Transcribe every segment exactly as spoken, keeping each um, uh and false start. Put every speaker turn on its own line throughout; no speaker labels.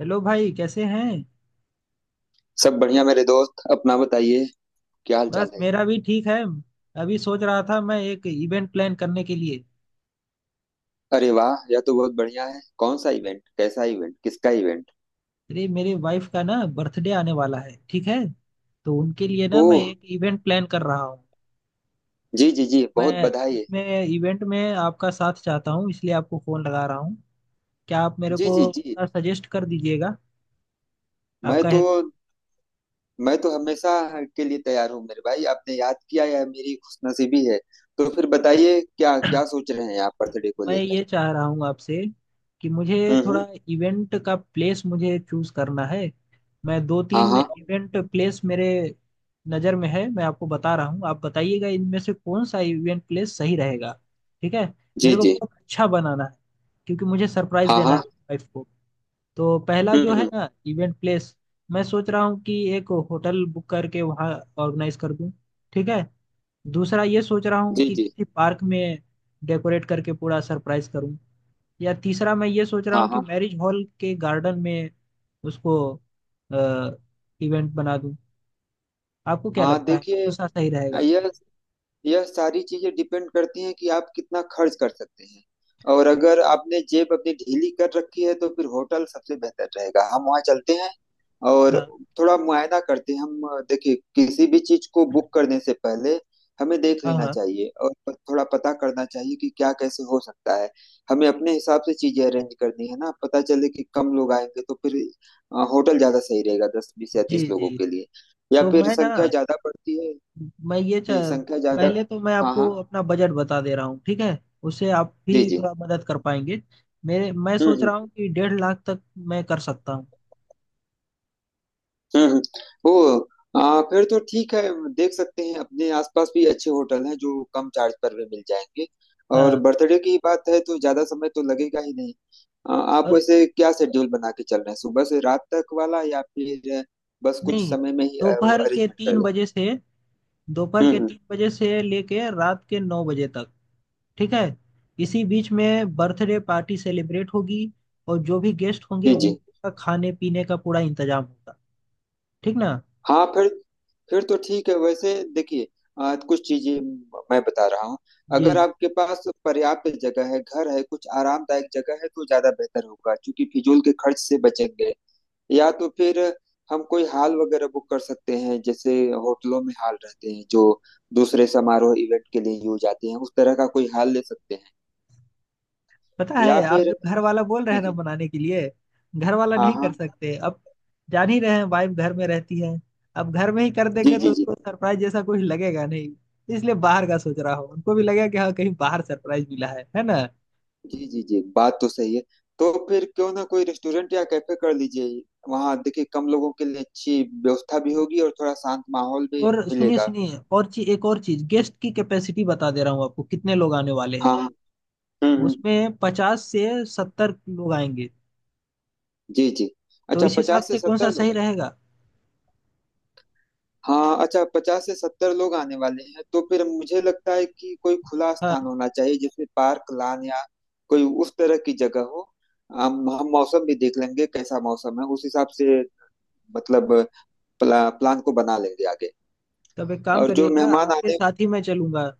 Hello भाई, कैसे हैं।
सब बढ़िया मेरे दोस्त, अपना बताइए। क्या हाल चाल
बस
है?
मेरा भी ठीक है। अभी सोच रहा था मैं एक इवेंट प्लान करने के लिए।
अरे वाह, यह तो बहुत बढ़िया है। कौन सा इवेंट, कैसा इवेंट, किसका इवेंट?
अरे मेरे वाइफ का ना बर्थडे आने वाला है, ठीक है। तो उनके लिए ना मैं
ओह।
एक इवेंट प्लान कर रहा हूँ।
जी जी जी, बहुत
मैं
बधाई है।
उसमें इवेंट में आपका साथ चाहता हूँ, इसलिए आपको फोन लगा रहा हूँ। क्या आप मेरे
जी
को
जी जी।
सजेस्ट कर दीजिएगा
मैं
आपका।
तो मैं तो हमेशा के लिए तैयार हूँ मेरे भाई। आपने याद किया, यह मेरी खुशनसीबी है। तो फिर बताइए, क्या क्या सोच रहे हैं आप बर्थडे को
मैं ये
लेकर?
चाह रहा हूँ आपसे कि मुझे
हम्म हम्म।
थोड़ा इवेंट का प्लेस मुझे चूज करना है। मैं दो
हाँ
तीन
हाँ।
इवेंट प्लेस मेरे नज़र में है, मैं आपको बता रहा हूँ, आप बताइएगा इनमें से कौन सा इवेंट प्लेस सही रहेगा, ठीक है।
जी
मेरे को
जी।
बहुत अच्छा बनाना है क्योंकि मुझे सरप्राइज
हाँ
देना है
हाँ।
वाइफ को। तो पहला
हम्म
जो है
हम्म।
ना इवेंट प्लेस, मैं सोच रहा हूँ कि एक होटल बुक करके वहाँ ऑर्गेनाइज कर दूँ, ठीक है। दूसरा ये सोच रहा हूँ
जी
कि
जी।
किसी पार्क में डेकोरेट करके पूरा सरप्राइज करूँ। या तीसरा मैं ये सोच रहा
हाँ
हूँ कि
हाँ।
मैरिज हॉल के गार्डन में उसको इवेंट बना दूं। आपको क्या
हाँ
लगता है
देखिए,
कौन सा सही रहेगा।
यह यह सारी चीजें डिपेंड करती हैं कि आप कितना खर्च कर सकते हैं। और अगर आपने जेब अपनी ढीली कर रखी है तो फिर होटल सबसे बेहतर रहेगा, हम वहाँ चलते हैं और
हाँ
थोड़ा मुआयना करते हैं हम। अ, देखिए, किसी भी चीज को बुक करने से पहले हमें देख
हाँ
लेना
हाँ।
चाहिए और प- थोड़ा पता करना चाहिए कि क्या कैसे हो सकता है। हमें अपने हिसाब से चीजें अरेंज करनी है ना, पता चले कि कम लोग आएंगे तो फिर अ, होटल ज्यादा सही रहेगा, दस बीस या तीस
जी
लोगों
जी।
के लिए, या
तो
फिर
मैं ना
संख्या ज्यादा पड़ती है।
मैं ये च...
जी, संख्या ज्यादा।
पहले तो मैं
हाँ
आपको
हाँ।
अपना बजट बता दे रहा हूँ, ठीक है। उससे आप
जी
भी
जी।
थोड़ा मदद कर पाएंगे। मेरे मैं
हम्म
सोच
हम्म।
रहा हूँ कि डेढ़ लाख तक मैं कर सकता हूँ।
हम्म हम्म। ओ। आ, फिर तो ठीक है। देख सकते हैं, अपने आसपास भी अच्छे होटल हैं जो कम चार्ज पर भी मिल जाएंगे। और
हाँ।
बर्थडे की बात है तो ज्यादा समय तो लगेगा ही नहीं। आ, आप
और
वैसे क्या शेड्यूल बना के चल रहे हैं, सुबह से रात तक वाला, या फिर बस कुछ
नहीं,
समय में ही
दोपहर के
अरेंजमेंट कर
तीन
लें?
बजे से दोपहर
हम्म
के
हम्म।
तीन बजे से लेके रात के नौ बजे तक, ठीक है। इसी बीच में बर्थडे पार्टी सेलिब्रेट होगी और जो भी गेस्ट होंगे
जी जी।
उनका खाने पीने का पूरा इंतजाम होगा, ठीक ना।
हाँ, फिर फिर तो ठीक है वैसे। देखिए, आ, कुछ चीजें मैं बता रहा हूँ।
जी
अगर
जी।
आपके पास पर्याप्त जगह है, घर है, कुछ आरामदायक जगह है तो ज्यादा बेहतर होगा, क्योंकि फिजूल के खर्च से बचेंगे। या तो फिर हम कोई हॉल वगैरह बुक कर सकते हैं, जैसे होटलों में हॉल रहते हैं जो दूसरे समारोह इवेंट के लिए यूज आते हैं, उस तरह का कोई हॉल ले सकते हैं,
पता
या
है आप
फिर।
जब घर वाला बोल रहे
जी
हैं ना
जी।
बनाने के लिए, घर वाला
हाँ
नहीं कर
हाँ।
सकते अब। जान ही रहे हैं वाइफ घर में रहती है, अब घर में ही कर
जी
देंगे तो
जी जी।
उसको सरप्राइज जैसा कुछ लगेगा नहीं। इसलिए बाहर का सोच रहा हूँ, उनको भी लगेगा कि हाँ कहीं बाहर सरप्राइज मिला है है ना।
जी जी जी, बात तो सही है। तो फिर क्यों ना कोई रेस्टोरेंट या कैफे कर लीजिए। वहां देखिए, कम लोगों के लिए अच्छी व्यवस्था भी होगी और थोड़ा शांत माहौल भी
और सुनिए
मिलेगा।
सुनिए, और चीज, एक और चीज, गेस्ट की कैपेसिटी बता दे रहा हूँ आपको, कितने लोग आने वाले
हाँ
हैं।
हाँ, हम्म हम्म।
उसमें पचास से सत्तर लोग आएंगे।
जी जी।
तो
अच्छा,
इस हिसाब
पचास से
से कौन सा
सत्तर
सही
लोग हैं।
रहेगा।
हाँ अच्छा, पचास से सत्तर लोग आने वाले हैं, तो फिर मुझे लगता है कि कोई खुला
हाँ,
स्थान होना चाहिए, जिसमें पार्क, लान या कोई उस तरह की जगह हो। हम हम मौसम भी देख लेंगे, कैसा मौसम है उस हिसाब से। मतलब प्ला, प्लान को बना लेंगे आगे।
तब एक काम
और जो
करिएगा,
मेहमान
आपके
आने।
साथ ही मैं चलूंगा।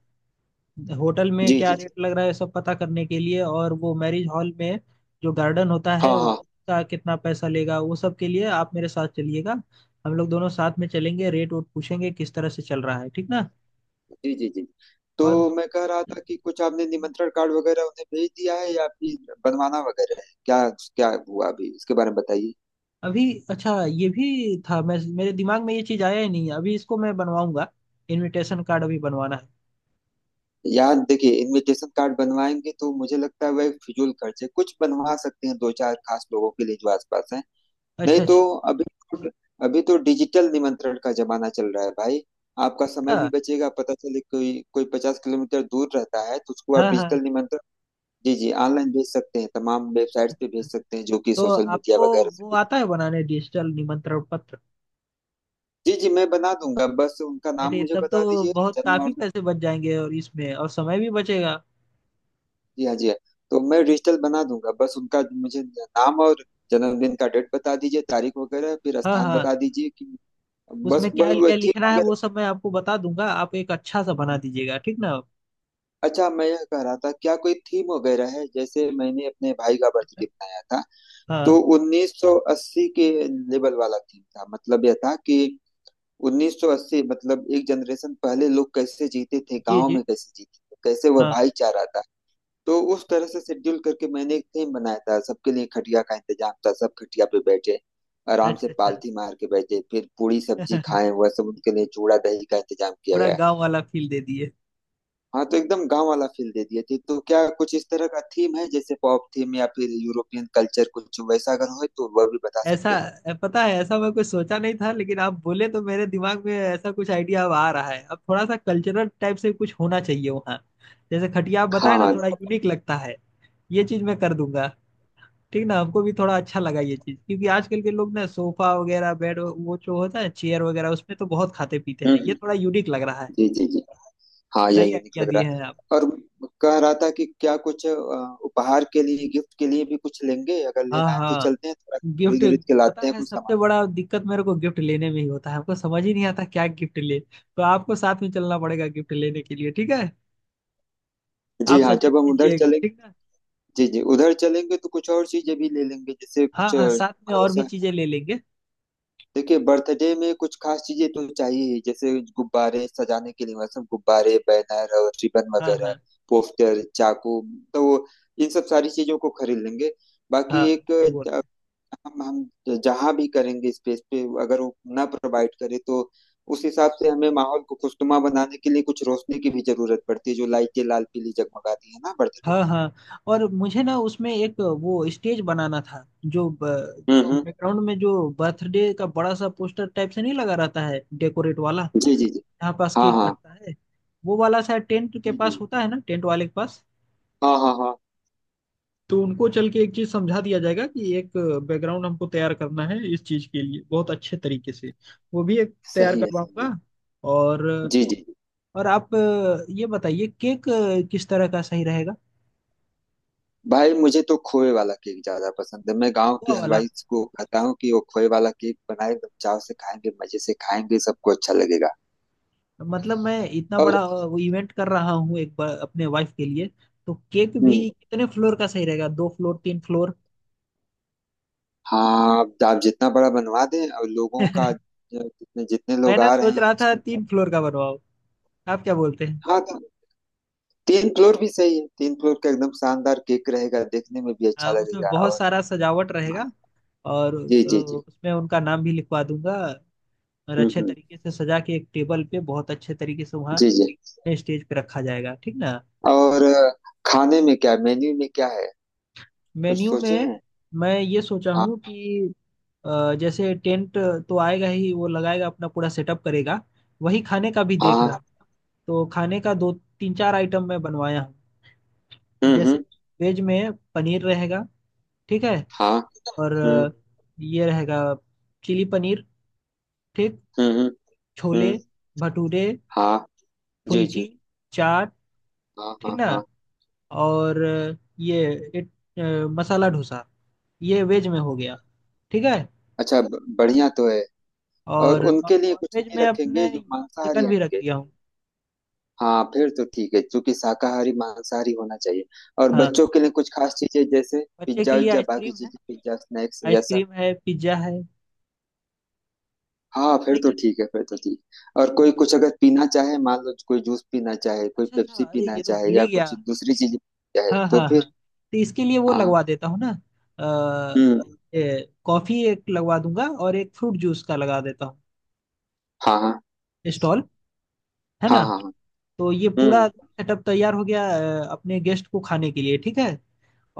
होटल में
जी,
क्या
जी, जी।
रेट लग रहा है सब पता करने के लिए, और वो मैरिज हॉल में जो गार्डन होता है
हाँ, हाँ।
उसका कितना पैसा लेगा, वो सब के लिए आप मेरे साथ चलिएगा। हम लोग दोनों साथ में चलेंगे, रेट वोट पूछेंगे किस तरह से चल रहा है, ठीक ना।
जी, जी, जी। तो
और
मैं कह रहा था कि कुछ आपने निमंत्रण कार्ड वगैरह उन्हें भेज दिया है या फिर बनवाना वगैरह है? क्या क्या हुआ अभी, इसके बारे में बताइए।
अभी। अच्छा, ये भी था, मैं मेरे दिमाग में ये चीज़ आया ही नहीं है, अभी इसको मैं बनवाऊंगा। इनविटेशन कार्ड अभी बनवाना है।
यार देखिए, इनविटेशन कार्ड बनवाएंगे तो मुझे लगता है वह फिजूल खर्च है। कुछ बनवा सकते हैं दो चार खास लोगों के लिए जो आसपास हैं। नहीं
अच्छा
तो
अच्छा।
अभी तो अभी तो डिजिटल निमंत्रण का जमाना चल रहा है भाई। आपका समय भी
हाँ,
बचेगा, पता चले कोई कोई पचास किलोमीटर दूर रहता है तो उसको आप
हाँ हाँ।
डिजिटल निमंत्रण, जी, जी, ऑनलाइन भेज सकते हैं, तमाम वेबसाइट्स पे
अच्छा,
भेज सकते हैं जो कि
तो
सोशल मीडिया
आपको
वगैरह से
वो
भेज।
आता है बनाने डिजिटल निमंत्रण पत्र।
जी, जी, मैं बना दूँगा, बस उनका नाम
अरे
मुझे
तब तो
बता दीजिए,
बहुत
जन्म
काफी
और
पैसे बच जाएंगे, और इसमें और समय भी बचेगा।
जी हाँ, जी हाँ, तो मैं डिजिटल बना दूँगा, बस उनका मुझे नाम और जन्मदिन का डेट बता दीजिए, तारीख वगैरह, फिर
हाँ
स्थान
हाँ।
बता दीजिए कि बस,
उसमें क्या
वही वही
क्या
थीम
लिखना है वो
वगैरह।
सब मैं आपको बता दूंगा, आप एक अच्छा सा बना दीजिएगा, ठीक ना।
अच्छा, मैं यह कह रहा था, क्या कोई थीम वगैरह है? जैसे मैंने अपने भाई का
ऐसा?
बर्थडे मनाया था, तो
हाँ।
उन्नीस सौ अस्सी के लेवल वाला थीम था, मतलब यह था कि उन्नीस सौ अस्सी मतलब एक जनरेशन पहले लोग कैसे जीते थे,
जी
गांव
जी।
में कैसे जीते थे, कैसे वह
हाँ
भाईचारा था। तो उस
हाँ।
तरह से शेड्यूल करके मैंने एक थीम बनाया था, सबके लिए खटिया का इंतजाम था, सब खटिया पे बैठे, आराम से
अच्छा अच्छा।
पालथी मार के बैठे, फिर पूड़ी सब्जी खाएं, वह सब, उनके लिए चूड़ा दही का इंतजाम किया
पूरा
गया।
गांव वाला फील दे दिए।
हाँ, तो एकदम गांव वाला फील दे दिए थे। तो क्या कुछ इस तरह का थीम है, जैसे पॉप थीम या फिर यूरोपियन कल्चर, कुछ वैसा अगर हो तो वह भी बता
ऐसा।
सकते हैं।
पता है, ऐसा मैं कुछ सोचा नहीं था, लेकिन आप बोले तो मेरे दिमाग में ऐसा कुछ आइडिया अब आ रहा है। अब थोड़ा सा कल्चरल टाइप से कुछ होना चाहिए वहाँ। जैसे खटिया आप
हाँ
बताए ना,
हाँ।
थोड़ा यूनिक लगता है। ये चीज मैं कर दूंगा, ठीक ना। हमको भी थोड़ा अच्छा लगा ये चीज, क्योंकि आजकल के लोग ना सोफा वगैरह बेड वो जो होता है चेयर वगैरह उसमें तो बहुत खाते पीते
हम्म
हैं, ये
हम्म,
थोड़ा यूनिक लग रहा है।
जी जी जी। हाँ, यह
सही
यूनिक
आइडिया
लग रहा
दिए हैं आप।
है। और कह रहा था कि क्या कुछ अ, उपहार के लिए, गिफ्ट के लिए भी कुछ लेंगे, अगर
हाँ
लेना है तो
हाँ।
चलते हैं, थोड़ा
गिफ्ट।
खरीद उरीद के
पता
लाते हैं
है,
कुछ सामान।
सबसे बड़ा दिक्कत मेरे को गिफ्ट लेने में ही होता है, हमको समझ ही नहीं आता क्या गिफ्ट ले। तो आपको साथ में चलना पड़ेगा गिफ्ट लेने के लिए, ठीक है।
जी
आप
हाँ, जब
सजेस्ट
हम उधर
कीजिएगा,
चलेंगे।
ठीक ना।
जी जी, उधर चलेंगे तो कुछ और चीजें भी ले लेंगे, जैसे
हाँ
कुछ अ,
हाँ, साथ में
मतलब
और भी
ऐसा।
चीजें ले लेंगे।
देखिए, बर्थडे में कुछ खास चीजें तो चाहिए ही, जैसे गुब्बारे सजाने के लिए, मतलब गुब्बारे, बैनर और रिबन
हाँ
वगैरह,
हाँ
पोस्टर, चाकू, तो वो- इन सब सारी चीजों को खरीद लेंगे। बाकी
हाँ
एक
सही बोल रहे
हम हम जहां भी करेंगे स्पेस पे, अगर वो ना प्रोवाइड करे तो उस हिसाब से हमें माहौल को खुशनुमा बनाने के लिए कुछ रोशनी की भी जरूरत पड़ती है, जो लाइटें लाल पीली जगमगाती है ना बर्थडे
हैं। हाँ
में।
हाँ, और मुझे ना उसमें एक वो स्टेज बनाना था, जो
हम्म हम्म।
बैकग्राउंड में, जो बर्थडे का बड़ा सा पोस्टर टाइप से नहीं लगा रहता है डेकोरेट वाला,
जी जी जी।
यहाँ पास
हाँ
केक
हाँ।
कटता है, वो वाला शायद टेंट के
जी
पास
जी।
होता है ना, टेंट वाले के पास।
हाँ हाँ हाँ।
तो उनको चल के एक चीज समझा दिया जाएगा कि एक बैकग्राउंड हमको तैयार करना है इस चीज के लिए बहुत अच्छे तरीके से। वो भी एक तैयार
सही है, सही है।
करवाऊंगा। और।
जी जी।
और आप अ, ये बताइए केक अ, किस तरह का सही रहेगा।
भाई, मुझे तो खोए वाला केक ज्यादा पसंद है। मैं गांव के
हलवा वाला।
हलवाई को कहता हूँ कि वो खोए वाला केक बनाए, एकदम चाव से खाएंगे, मजे से खाएंगे, सबको अच्छा लगेगा।
मतलब मैं इतना
और
बड़ा अ, वो इवेंट कर रहा हूँ एक बार अपने वाइफ के लिए। तो केक भी
हम्म।
कितने फ्लोर का सही रहेगा, दो फ्लोर तीन फ्लोर।
हाँ, आप आप जितना बड़ा बनवा दें, और लोगों का, जितने जितने
मैं
लोग
ना
आ रहे
सोच
हैं
रहा था
उसके हिसाब
तीन
से।
फ्लोर का बनवाओ। आप क्या बोलते हैं।
हाँ तो, तीन फ्लोर भी सही है, तीन फ्लोर का एकदम शानदार केक रहेगा, देखने में भी
हाँ,
अच्छा
उसमें
लगेगा।
बहुत
और
सारा सजावट
हाँ,
रहेगा। और
जी
अ,
जी जी।
उसमें उनका नाम भी लिखवा दूंगा। और
हम्म
अच्छे
हम्म।
तरीके से सजा के एक टेबल पे बहुत अच्छे तरीके से वहाँ
जी जी।
स्टेज पे रखा जाएगा, ठीक ना।
और अ, खाने में क्या, मेन्यू में क्या है, कुछ
मेन्यू
सोचे
में
हैं?
मैं ये सोचा
हाँ
हूँ कि अ, जैसे टेंट तो आएगा ही, वो लगाएगा अपना पूरा सेटअप करेगा, वही खाने का भी देख
हाँ।
रहा। तो खाने का दो तीन चार आइटम मैं बनवाया हूँ,
हम्म
जैसे
हम्म।
वेज में पनीर रहेगा, ठीक है।
हाँ।
और
हम्म
अ, ये रहेगा चिली पनीर, ठीक।
हम्म। हम्म
छोले
हम्म,
भटूरे
हाँ। जी
फुल्की
जी।
चाट,
हाँ
ठीक
हाँ
ना।
हाँ।
और ये इट अ, मसाला डोसा, ये वेज में हो गया, ठीक है।
अच्छा, ब- बढ़िया तो है। और
और
उनके लिए
नॉन
कुछ
वेज
नहीं
में
रखेंगे
अपने
जो मांसाहारी
चिकन भी रख
आएंगे?
दिया हूँ।
हाँ, फिर तो ठीक है, क्योंकि शाकाहारी मांसाहारी होना चाहिए। और
हाँ
बच्चों
हाँ।
के लिए कुछ खास चीजें जैसे
बच्चे के
पिज्जा
लिए
उज्जा, बाकी
आइसक्रीम है,
चीजें पिज्जा स्नैक्स या सब।
आइसक्रीम है पिज्जा है।
हाँ, फिर
सही
तो
है।
ठीक है, फिर तो ठीक। और कोई कुछ अगर पीना चाहे, मान लो कोई जूस पीना चाहे, कोई
अच्छा अच्छा,
पेप्सी
अरे
पीना
ये तो
चाहे
भूल
या
ही गया।
कुछ दूसरी चीज चाहे
हाँ
तो
हाँ हाँ,
फिर।
तो इसके लिए वो
हाँ।
लगवा देता हूँ ना। अ,
हम्म।
ये कॉफी एक लगवा दूंगा और एक फ्रूट जूस का लगा देता हूँ
हाँ हाँ।
स्टॉल, है
हाँ
ना।
हाँ। हाँ,
तो ये पूरा
हम्म।
सेटअप तैयार हो गया अ, अपने गेस्ट को खाने के लिए, ठीक है।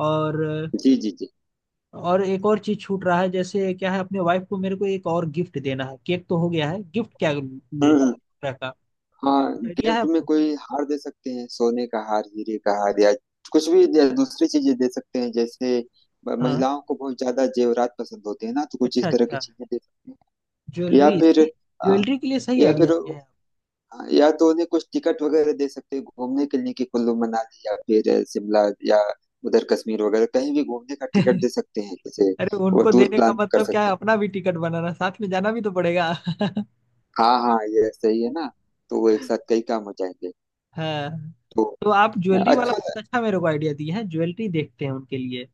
और।
जी जी जी।
और एक और चीज छूट रहा है, जैसे क्या है, अपने वाइफ को मेरे को एक और गिफ्ट देना है, केक तो हो गया है, गिफ्ट क्या लूं
हम्म हम्म।
तरह का,
हाँ,
आइडिया है
गिफ्ट में
आपको।
कोई हार दे सकते हैं, सोने का हार, हीरे का हार, या कुछ भी दे- दूसरी चीजें दे सकते हैं, जैसे म-
हाँ।
महिलाओं को बहुत ज्यादा जेवरात पसंद होते हैं ना, तो कुछ
अच्छा
इस तरह की
अच्छा,
चीजें दे सकते हैं। या
ज्वेलरी।
फिर अ,
ज्वेलरी के लिए सही
या
आइडिया
फिर
दिए
अ,
हैं
या तो उन्हें कुछ टिकट वगैरह दे सकते हैं घूमने के लिए, कि कुल्लू मनाली या फिर अ, शिमला, या उधर कश्मीर वगैरह कहीं भी घूमने का
आप।
टिकट दे सकते हैं जैसे।
अरे
वो
उनको
टूर
देने का
प्लान कर
मतलब क्या है,
सकते हैं।
अपना भी टिकट बनाना, साथ में जाना भी तो पड़ेगा।
हाँ हाँ, ये सही है ना, तो वो एक साथ कई काम हो जाएंगे।
हाँ,
तो
तो आप ज्वेलरी वाला
अच्छा।
बहुत अच्छा मेरे को आइडिया दिए हैं, ज्वेलरी देखते हैं उनके लिए।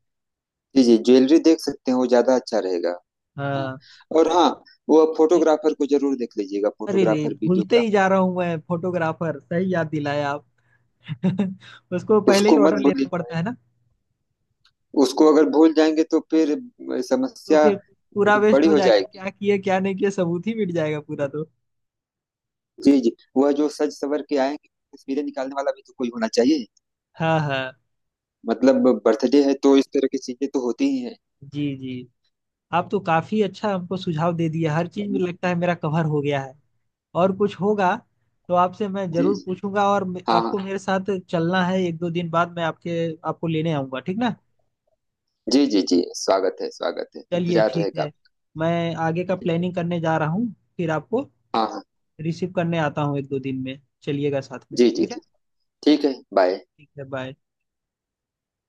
जी जी, ज्वेलरी देख सकते हैं, वो ज्यादा अच्छा रहेगा। हाँ।
हाँ।
और हाँ, वो
ये-
फोटोग्राफर को जरूर देख लीजिएगा,
अरे रे
फोटोग्राफर,
भूलते ही जा
वीडियोग्राफर।
रहा हूँ मैं, फोटोग्राफर, सही याद दिलाया आप। उसको पहले ही
उसको मत
ऑर्डर
भूलिए।
लेना पड़ता है।
उसको अगर भूल जाएंगे तो फिर
तो
समस्या
फिर पूरा वेस्ट
बड़ी
हो
हो
जाएगा,
जाएगी।
क्या किए क्या नहीं किए सबूत ही मिट जाएगा पूरा, तो।
जी जी, वह जो सज सवर के आएंगे, तस्वीरें निकालने वाला भी तो कोई होना चाहिए।
हाँ हाँ।
मतलब बर्थडे है तो इस तरह की चीजें तो होती ही है।
जी जी। आप तो काफी अच्छा हमको सुझाव दे दिया, हर चीज में लगता है मेरा कवर हो गया है। और कुछ होगा तो आपसे मैं
जी
जरूर
जी।
पूछूंगा। और मे-
हाँ हाँ।
आपको मेरे साथ चलना है एक दो दिन बाद, मैं आपके आपको लेने आऊंगा, ठीक ना।
जी जी जी, स्वागत है, स्वागत है,
चलिए
इंतजार
ठीक
रहेगा
है,
आपका।
मैं आगे का
ठीक है।
प्लानिंग करने जा रहा हूँ। फिर आपको
हाँ हाँ।
रिसीव करने आता हूँ एक दो दिन में, चलिएगा साथ में,
जी जी
ठीक है।
जी। ठीक है, बाय।
ठीक है बाय।